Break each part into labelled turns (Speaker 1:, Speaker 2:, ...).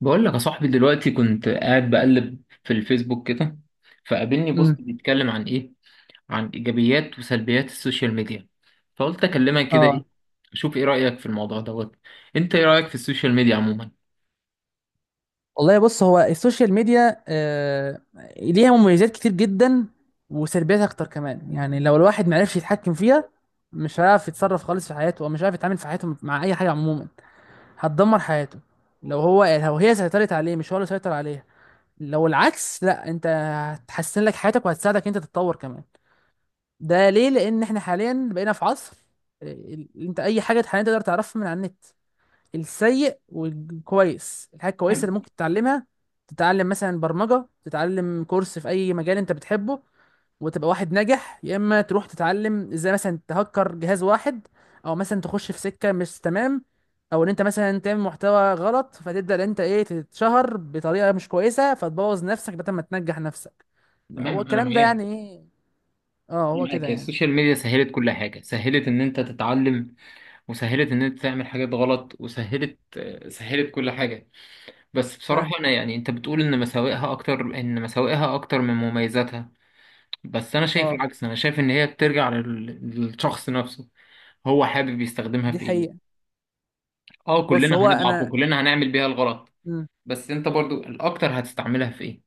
Speaker 1: بقول لك يا صاحبي دلوقتي كنت قاعد بقلب في الفيسبوك كده، فقابلني بوست
Speaker 2: امم.
Speaker 1: بيتكلم عن ايه؟ عن ايجابيات وسلبيات السوشيال ميديا. فقلت اكلمك كده،
Speaker 2: اه،
Speaker 1: ايه اشوف ايه رأيك في الموضوع دوت. انت ايه رأيك في السوشيال ميديا عموما؟
Speaker 2: والله بص، هو السوشيال ميديا ليها مميزات كتير جدا وسلبيات اكتر كمان. يعني لو الواحد معرفش يتحكم فيها، مش هيعرف يتصرف خالص في حياته، ومش هيعرف يتعامل في حياته مع اي حاجه عموما، هتدمر حياته. لو هي سيطرت عليه مش هو اللي سيطر عليها. لو العكس، لا، انت هتحسن لك حياتك وهتساعدك انت تتطور كمان. ده ليه؟ لان احنا حاليا بقينا في عصر، انت اي حاجه حاليا تقدر تعرفها من على النت، السيء والكويس. الحاجة الكويسة اللي
Speaker 1: تمام.
Speaker 2: ممكن تتعلمها، تتعلم مثلا برمجة، تتعلم كورس في أي مجال أنت بتحبه وتبقى واحد ناجح، يا إما تروح تتعلم إزاي مثلا تهكر جهاز واحد، أو مثلا تخش في سكة مش تمام، أو إن أنت مثلا تعمل محتوى غلط فتبدأ إن أنت تتشهر بطريقة مش كويسة فتبوظ نفسك بدل ما تنجح نفسك. هو
Speaker 1: تمام. انا
Speaker 2: الكلام ده
Speaker 1: معاك
Speaker 2: يعني إيه؟ أه، هو
Speaker 1: انا
Speaker 2: كده
Speaker 1: معاك هي
Speaker 2: يعني.
Speaker 1: السوشيال ميديا سهلت كل حاجة، سهلت ان انت تتعلم، وسهلت ان انت تعمل حاجات غلط، وسهلت سهلت كل حاجة. بس
Speaker 2: فعلا.
Speaker 1: بصراحة انا يعني انت بتقول ان مساوئها اكتر من مميزاتها. بس انا شايف
Speaker 2: أه،
Speaker 1: العكس، انا شايف ان هي بترجع للشخص نفسه. هو حابب يستخدمها
Speaker 2: دي
Speaker 1: في
Speaker 2: حقيقة.
Speaker 1: ايه؟ اه،
Speaker 2: بص
Speaker 1: كلنا
Speaker 2: هو
Speaker 1: هنضعف
Speaker 2: أنا،
Speaker 1: وكلنا هنعمل بيها الغلط. بس انت برضو الاكتر هتستعملها في ايه؟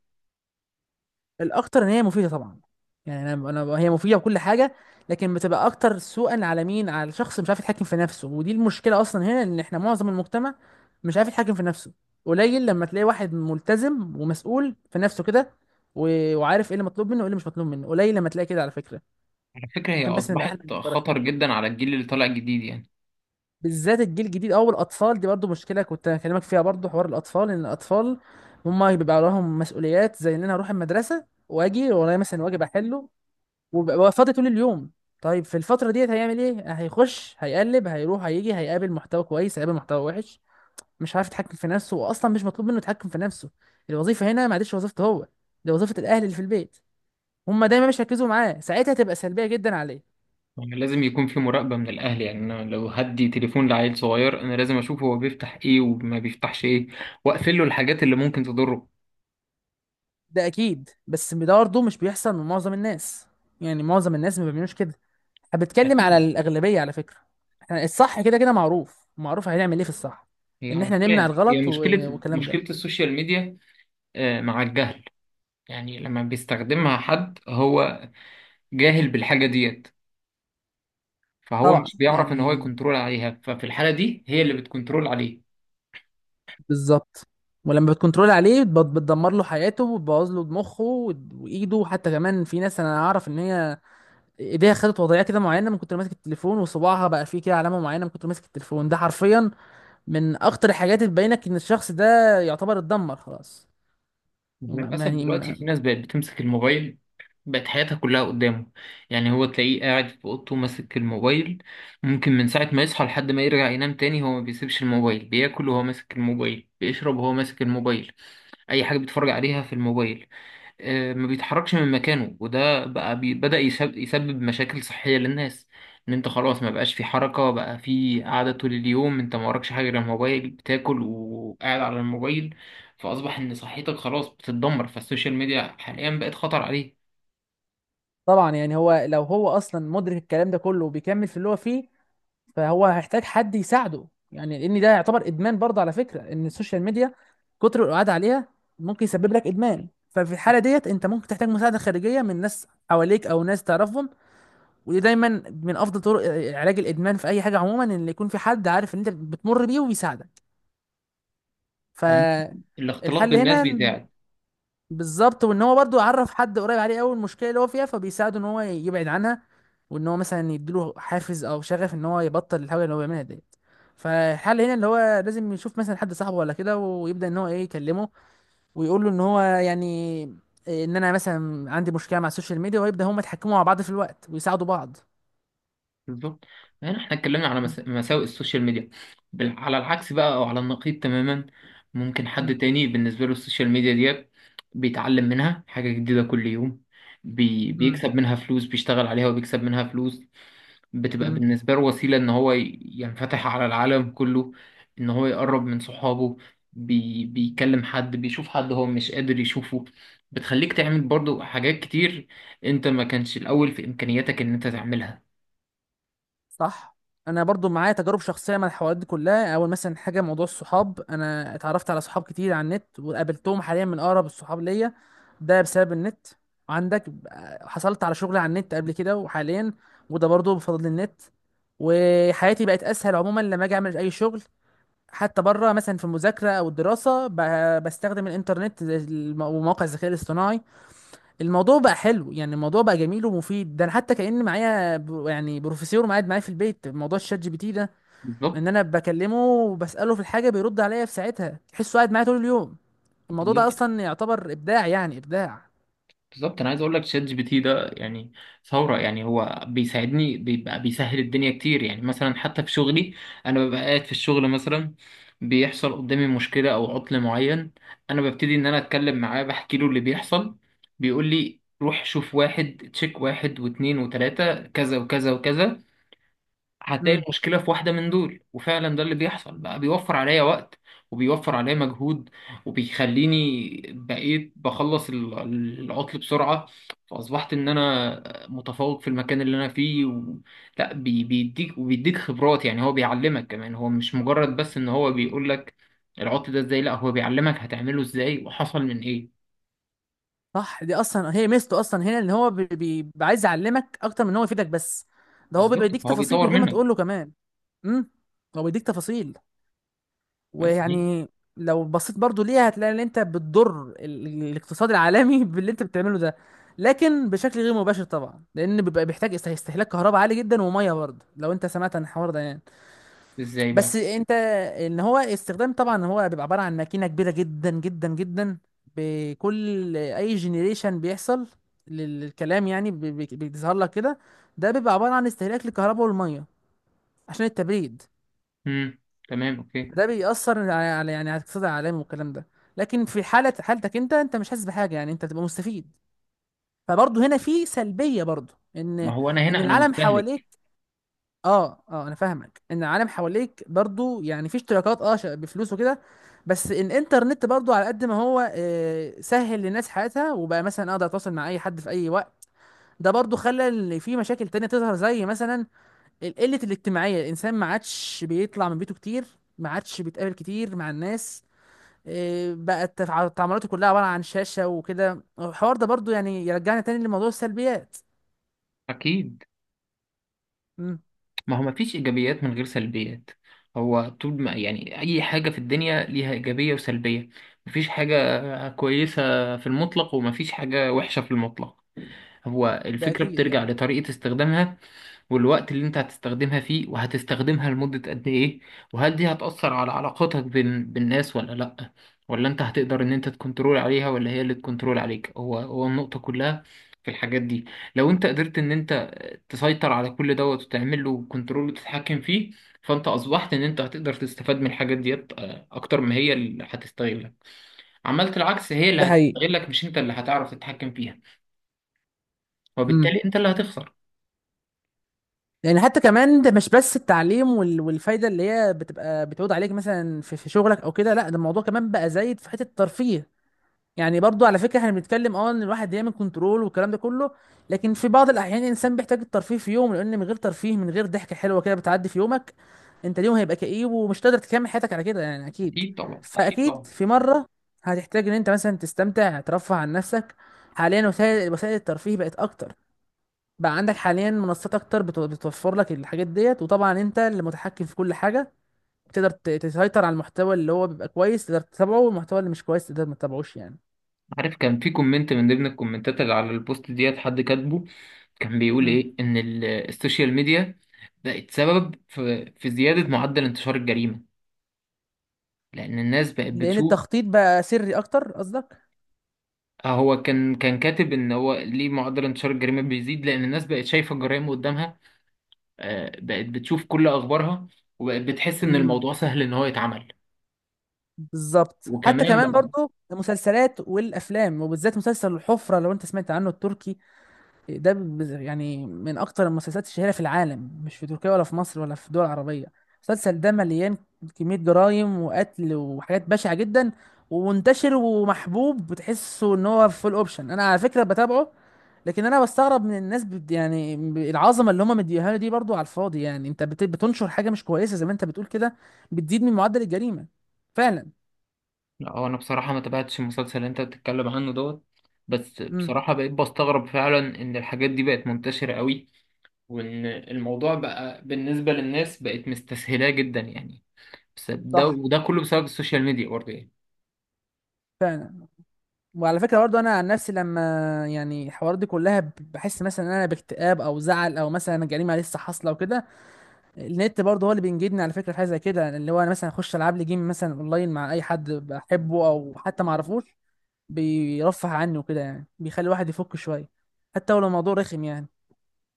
Speaker 2: الاكتر ان هي مفيده طبعا. يعني انا هي مفيده بكل حاجه، لكن بتبقى اكتر سوءا على مين؟ على شخص مش عارف يتحكم في نفسه، ودي المشكله اصلا هنا، ان احنا معظم المجتمع مش عارف يتحكم في نفسه. قليل لما تلاقي واحد ملتزم ومسؤول في نفسه كده، وعارف ايه اللي مطلوب منه وايه اللي مش مطلوب منه. قليل لما تلاقي كده على فكره.
Speaker 1: على فكرة هي
Speaker 2: عشان بس نبقى احنا
Speaker 1: اصبحت
Speaker 2: مصرحين
Speaker 1: خطر
Speaker 2: يعني.
Speaker 1: جدا على الجيل اللي طالع جديد يعني.
Speaker 2: بالذات الجيل الجديد او الاطفال، دي برضو مشكله كنت هكلمك فيها برضو، حوار الاطفال، ان الاطفال هم بيبقى لهم مسؤوليات، زي ان انا اروح المدرسه واجي ورايا مثلا واجب احله، وفاضي طول اليوم. طيب في الفترة ديت هيعمل ايه؟ هيخش هيقلب، هيروح هيجي، هيقابل محتوى كويس هيقابل محتوى وحش، مش عارف يتحكم في نفسه واصلا مش مطلوب منه يتحكم في نفسه. الوظيفة هنا ما عادش وظيفته هو، دي وظيفة الاهل اللي في البيت. هما دايما مش هيركزوا معاه، ساعتها تبقى سلبية جدا عليه.
Speaker 1: يعني لازم يكون في مراقبة من الاهل، يعني انا لو هدي تليفون لعيل صغير انا لازم اشوف هو بيفتح ايه وما بيفتحش ايه، واقفل له الحاجات اللي ممكن تضره.
Speaker 2: ده اكيد، بس ده برضه مش بيحصل من معظم الناس. يعني معظم الناس ما بيعملوش كده. انا بتكلم على
Speaker 1: اكيد.
Speaker 2: الاغلبية على فكرة. احنا الصح كده كده معروف معروف، هنعمل ايه في الصح؟
Speaker 1: هي
Speaker 2: ان
Speaker 1: على
Speaker 2: احنا
Speaker 1: فكرة
Speaker 2: نمنع
Speaker 1: يعني هي
Speaker 2: الغلط
Speaker 1: مشكلة
Speaker 2: والكلام
Speaker 1: مشكلة
Speaker 2: ده.
Speaker 1: السوشيال ميديا مع الجهل. يعني لما بيستخدمها حد، هو جاهل بالحاجة ديت. فهو
Speaker 2: طبعا
Speaker 1: مش بيعرف ان هو
Speaker 2: يعني.
Speaker 1: يكنترول عليها، ففي الحالة دي هي اللي بتكنترول عليه.
Speaker 2: بالظبط. ولما بتكنترول عليه، بتدمر له حياته وتبوظ له مخه، وايده حتى كمان. في ناس انا اعرف ان هي ايديها خدت وضعيه كده معينه من كتر ماسك التليفون، وصباعها بقى فيه كده علامه معينه من كتر ماسك التليفون. ده حرفيا من اخطر الحاجات اللي تبينك ان الشخص ده يعتبر اتدمر خلاص. ما- ما-
Speaker 1: للأسف
Speaker 2: يعني
Speaker 1: دلوقتي
Speaker 2: ما-
Speaker 1: في ناس بقت بتمسك الموبايل، بقت حياتها كلها قدامه. يعني هو تلاقيه قاعد في اوضته ماسك الموبايل، ممكن من ساعة ما يصحى لحد ما يرجع ينام تاني، هو ما بيسيبش الموبايل. بياكل وهو ماسك الموبايل، بيشرب وهو ماسك الموبايل، اي حاجة بيتفرج عليها في الموبايل ما بيتحركش من مكانه. وده بقى بدأ يسبب مشاكل صحية للناس، ان انت خلاص ما بقاش في حركة، بقى في قعدة طول اليوم. انت ما وراكش حاجة غير الموبايل، بتاكل وقاعد على الموبايل، فأصبح ان صحتك خلاص بتتدمر. فالسوشيال ميديا حاليا بقت خطر عليه.
Speaker 2: طبعا يعني. هو لو هو اصلا مدرك الكلام ده كله وبيكمل في اللي هو فيه، فهو هيحتاج حد يساعده. يعني لان ده يعتبر ادمان برضه على فكره، ان السوشيال ميديا كتر القعاد عليها ممكن يسبب لك ادمان. ففي الحاله ديت انت ممكن تحتاج مساعده خارجيه من ناس حواليك او ناس تعرفهم. ودي دايما من افضل طرق علاج الادمان في اي حاجه عموما، ان يكون في حد عارف ان انت بتمر بيه ويساعدك.
Speaker 1: عم- الاختلاط
Speaker 2: فالحل
Speaker 1: بالناس
Speaker 2: هنا
Speaker 1: بيتاعب.
Speaker 2: بالظبط، وان هو برضو عرف حد قريب عليه قوي المشكله اللي هو فيها، فبيساعده ان هو يبعد عنها، وان هو مثلا يديله حافز او شغف ان هو يبطل الحاجه اللي هو بيعملها ديت. فالحل هنا اللي هو لازم يشوف مثلا حد صاحبه ولا كده، ويبدا ان هو يكلمه ويقول له ان هو يعني ان انا مثلا عندي مشكله مع السوشيال ميديا، ويبدا هم يتحكموا مع بعض في الوقت ويساعدوا بعض.
Speaker 1: بالظبط. هنا احنا اتكلمنا على مساوئ السوشيال ميديا، على العكس بقى، او على النقيض تماما، ممكن
Speaker 2: م-
Speaker 1: حد تاني بالنسبة له السوشيال ميديا ديت بيتعلم منها حاجة جديدة كل يوم.
Speaker 2: م-
Speaker 1: بيكسب منها فلوس، بيشتغل عليها وبيكسب منها فلوس. بتبقى
Speaker 2: م-
Speaker 1: بالنسبة له وسيلة ان هو ينفتح على العالم كله، ان هو يقرب من صحابه، بيكلم حد، بيشوف حد هو مش قادر يشوفه. بتخليك تعمل برضو حاجات كتير انت ما كانش الاول في امكانياتك ان انت تعملها.
Speaker 2: صح. انا برضو معايا تجارب شخصيه مع الحوارات دي كلها. اول مثلا حاجه، موضوع الصحاب، انا اتعرفت على صحاب كتير على النت وقابلتهم، حاليا من اقرب الصحاب ليا، ده بسبب النت. عندك، حصلت على شغل على النت قبل كده وحاليا، وده برضو بفضل النت. وحياتي بقت اسهل عموما لما اجي اعمل اي شغل، حتى بره مثلا في المذاكره او الدراسه بستخدم الانترنت، زي ومواقع الذكاء الاصطناعي. الموضوع بقى حلو يعني، الموضوع بقى جميل ومفيد. ده انا حتى كأن معايا يعني بروفيسور قاعد معايا في البيت، موضوع الشات جي بي تي ده، ان
Speaker 1: بالظبط.
Speaker 2: انا بكلمه وبسأله في الحاجة بيرد عليا في ساعتها، تحسه قاعد معايا طول اليوم. الموضوع ده
Speaker 1: بالظبط.
Speaker 2: اصلا يعتبر ابداع، يعني ابداع.
Speaker 1: بالظبط انا عايز اقول لك شات جي بي تي ده يعني ثوره. يعني هو بيساعدني، بيبقى بيسهل الدنيا كتير. يعني مثلا حتى في شغلي، انا ببقى قاعد في الشغل مثلا، بيحصل قدامي مشكله او عطل معين، انا ببتدي ان انا اتكلم معاه، بحكي له اللي بيحصل. بيقول لي روح شوف، واحد تشيك واحد واتنين وتلاته، كذا وكذا وكذا. هتلاقي
Speaker 2: امم.
Speaker 1: المشكلة في واحدة من دول، وفعلا ده اللي بيحصل. بقى بيوفر عليا وقت وبيوفر عليا مجهود، وبيخليني بقيت بخلص العطل بسرعة، فأصبحت إن أنا متفوق في المكان اللي أنا فيه و... لا بي... بيديك، وبيديك خبرات. يعني هو بيعلمك كمان، هو مش مجرد بس إن هو بيقول لك العطل ده إزاي، لا هو بيعلمك هتعمله إزاي وحصل من إيه.
Speaker 2: صح، دي اصلا هي ميزته اصلا هنا، ان هو بيبقى عايز يعلمك اكتر من ان هو يفيدك بس. ده هو بيبقى
Speaker 1: بالظبط
Speaker 2: يديك
Speaker 1: فهو
Speaker 2: تفاصيل من
Speaker 1: بيطور
Speaker 2: غير ما تقول
Speaker 1: منك.
Speaker 2: له كمان. امم. هو بيديك تفاصيل
Speaker 1: بس ليه؟
Speaker 2: ويعني، لو بصيت برضو ليها هتلاقي ان انت بتضر الاقتصاد العالمي باللي انت بتعمله ده، لكن بشكل غير مباشر طبعا، لان بيبقى بيحتاج استهلاك كهرباء عالي جدا وميه برضه، لو انت سمعت عن الحوار ده يعني.
Speaker 1: إزاي بقى؟
Speaker 2: بس انت، ان هو استخدام، طبعا هو بيبقى عباره عن ماكينه كبيره جدا جدا جدا، بكل اي جنريشن بيحصل للكلام يعني، بيظهر لك كده. ده بيبقى عباره عن استهلاك للكهرباء والميه عشان التبريد.
Speaker 1: امم، تمام، أوكي.
Speaker 2: ده بيأثر على يعني على الاقتصاد العالمي والكلام ده. لكن في حالة حالتك انت، انت مش حاسس بحاجة يعني، انت بتبقى مستفيد. فبرضه هنا في سلبية برضه،
Speaker 1: ما
Speaker 2: ان
Speaker 1: هو أنا
Speaker 2: ان
Speaker 1: هنا أنا
Speaker 2: العالم حواليك،
Speaker 1: مستهلك.
Speaker 2: اه اه انا فاهمك، ان العالم حواليك برضه يعني في اشتراكات، اه بفلوس وكده. بس الانترنت برضه على قد ما هو سهل للناس حياتها وبقى مثلا اقدر اتواصل مع اي حد في اي وقت، ده برضه خلى إن في مشاكل تانية تظهر، زي مثلا القلة الاجتماعية، الانسان ما عادش بيطلع من بيته كتير، ما عادش بيتقابل كتير مع الناس. بقت تعاملاته كلها عبارة عن شاشة وكده. الحوار ده برضو يعني يرجعنا تاني لموضوع السلبيات.
Speaker 1: أكيد.
Speaker 2: امم.
Speaker 1: ما هو مفيش إيجابيات من غير سلبيات. هو طول ما يعني أي حاجة في الدنيا ليها إيجابية وسلبية. مفيش حاجة كويسة في المطلق، ومفيش حاجة وحشة في المطلق. هو
Speaker 2: ده
Speaker 1: الفكرة
Speaker 2: أكيد
Speaker 1: بترجع
Speaker 2: يعني.
Speaker 1: لطريقة استخدامها، والوقت اللي انت هتستخدمها فيه، وهتستخدمها لمدة قد ايه. وهل دي هتأثر على علاقاتك بين بالناس ولا لأ؟ ولا انت هتقدر ان انت تكنترول عليها ولا هي اللي تكنترول عليك؟ هو النقطة كلها في الحاجات دي. لو انت قدرت ان انت تسيطر على كل دوت وتعمل له كنترول وتتحكم فيه، فانت اصبحت ان انت هتقدر تستفاد من الحاجات ديت اكتر ما هي اللي هتستغلك. عملت العكس هي اللي
Speaker 2: ده حقيقي.
Speaker 1: هتستغلك، مش انت اللي هتعرف تتحكم فيها،
Speaker 2: امم.
Speaker 1: وبالتالي انت اللي هتخسر.
Speaker 2: يعني حتى كمان ده مش بس التعليم والفايدة اللي هي بتبقى بتعود عليك، مثلا في شغلك أو كده، لا، ده الموضوع كمان بقى زايد في حتة الترفيه. يعني برضو على فكرة احنا بنتكلم اه ان الواحد يعمل كنترول والكلام ده كله، لكن في بعض الأحيان الإنسان بيحتاج الترفيه في يوم، لأن من غير ترفيه من غير ضحكة حلوة كده بتعدي في يومك، انت اليوم هيبقى كئيب ومش قادر تكمل حياتك على كده يعني، اكيد.
Speaker 1: اكيد طبعا، اكيد
Speaker 2: فاكيد
Speaker 1: طبعا.
Speaker 2: في مره هتحتاج ان انت مثلا تستمتع، ترفه عن نفسك. حاليا وسائل الترفيه بقت اكتر. بقى عندك حاليا منصات اكتر بتوفر لك الحاجات ديت، وطبعا انت اللي متحكم في كل حاجه، تقدر تسيطر على المحتوى اللي هو بيبقى كويس تقدر تتابعه، والمحتوى اللي مش كويس تقدر ما تتابعوش يعني.
Speaker 1: عارف كان في كومنت من ضمن الكومنتات اللي على البوست ديت حد كاتبه، كان بيقول
Speaker 2: مم.
Speaker 1: ايه ان السوشيال ميديا بقت سبب في زيادة معدل انتشار الجريمة، لان الناس بقت
Speaker 2: لان
Speaker 1: بتشوف.
Speaker 2: التخطيط بقى سري اكتر قصدك.
Speaker 1: هو كان كاتب ان هو ليه معدل انتشار الجريمة بيزيد، لان الناس بقت شايفة الجرائم قدامها. بقت بتشوف كل اخبارها، وبقت بتحس ان
Speaker 2: امم.
Speaker 1: الموضوع سهل ان هو يتعمل.
Speaker 2: بالظبط. حتى
Speaker 1: وكمان
Speaker 2: كمان
Speaker 1: بقى
Speaker 2: برضو المسلسلات والافلام، وبالذات مسلسل الحفره لو انت سمعت عنه، التركي. ده يعني من اكتر المسلسلات الشهيره في العالم، مش في تركيا ولا في مصر ولا في دول عربيه. المسلسل ده مليان كميه جرائم وقتل وحاجات بشعه جدا، ومنتشر ومحبوب، بتحسه ان هو فول اوبشن. انا على فكره بتابعه، لكن انا بستغرب من الناس يعني العظمه اللي هم مديها له دي برضو على الفاضي. يعني انت بتنشر حاجه مش كويسه زي ما انت بتقول كده، بتزيد من معدل الجريمه. فعلا.
Speaker 1: اه، انا بصراحة ما تابعتش المسلسل اللي انت بتتكلم عنه دوت. بس
Speaker 2: امم.
Speaker 1: بصراحة بقيت بستغرب فعلا ان الحاجات دي بقت منتشرة قوي، وان الموضوع بقى بالنسبه للناس بقت مستسهلاه جدا يعني. بس ده
Speaker 2: صح.
Speaker 1: وده كله بسبب السوشيال ميديا برضه يعني.
Speaker 2: فعلا. وعلى فكرة برضو، أنا عن نفسي لما يعني الحوارات دي كلها بحس مثلا إن أنا باكتئاب أو زعل، أو مثلا جريمة لسه حاصلة وكده، النت برضو هو اللي بينجدني على فكرة في حاجة زي كده، اللي هو أنا مثلا أخش ألعب لي جيم مثلا أونلاين مع أي حد بحبه أو حتى معرفوش، بيرفه عني وكده يعني، بيخلي الواحد يفك شوية، حتى ولو الموضوع رخم يعني.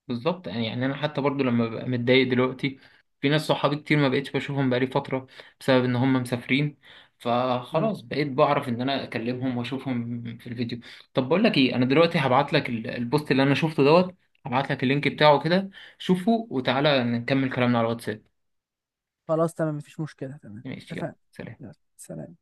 Speaker 1: بالظبط يعني انا حتى برضه لما ببقى متضايق دلوقتي، في ناس صحابي كتير ما بقتش بشوفهم بقالي فتره بسبب ان هم مسافرين،
Speaker 2: مم.
Speaker 1: فخلاص بقيت بعرف ان انا اكلمهم واشوفهم في الفيديو. طب بقول لك ايه، انا دلوقتي هبعت لك البوست اللي انا شفته دوت، هبعت لك اللينك بتاعه كده، شوفه وتعالى نكمل كلامنا على الواتساب.
Speaker 2: خلاص، تمام، مفيش مشكلة، تمام،
Speaker 1: ماشي، يلا
Speaker 2: اتفقنا.
Speaker 1: سلام.
Speaker 2: يلا، سلام.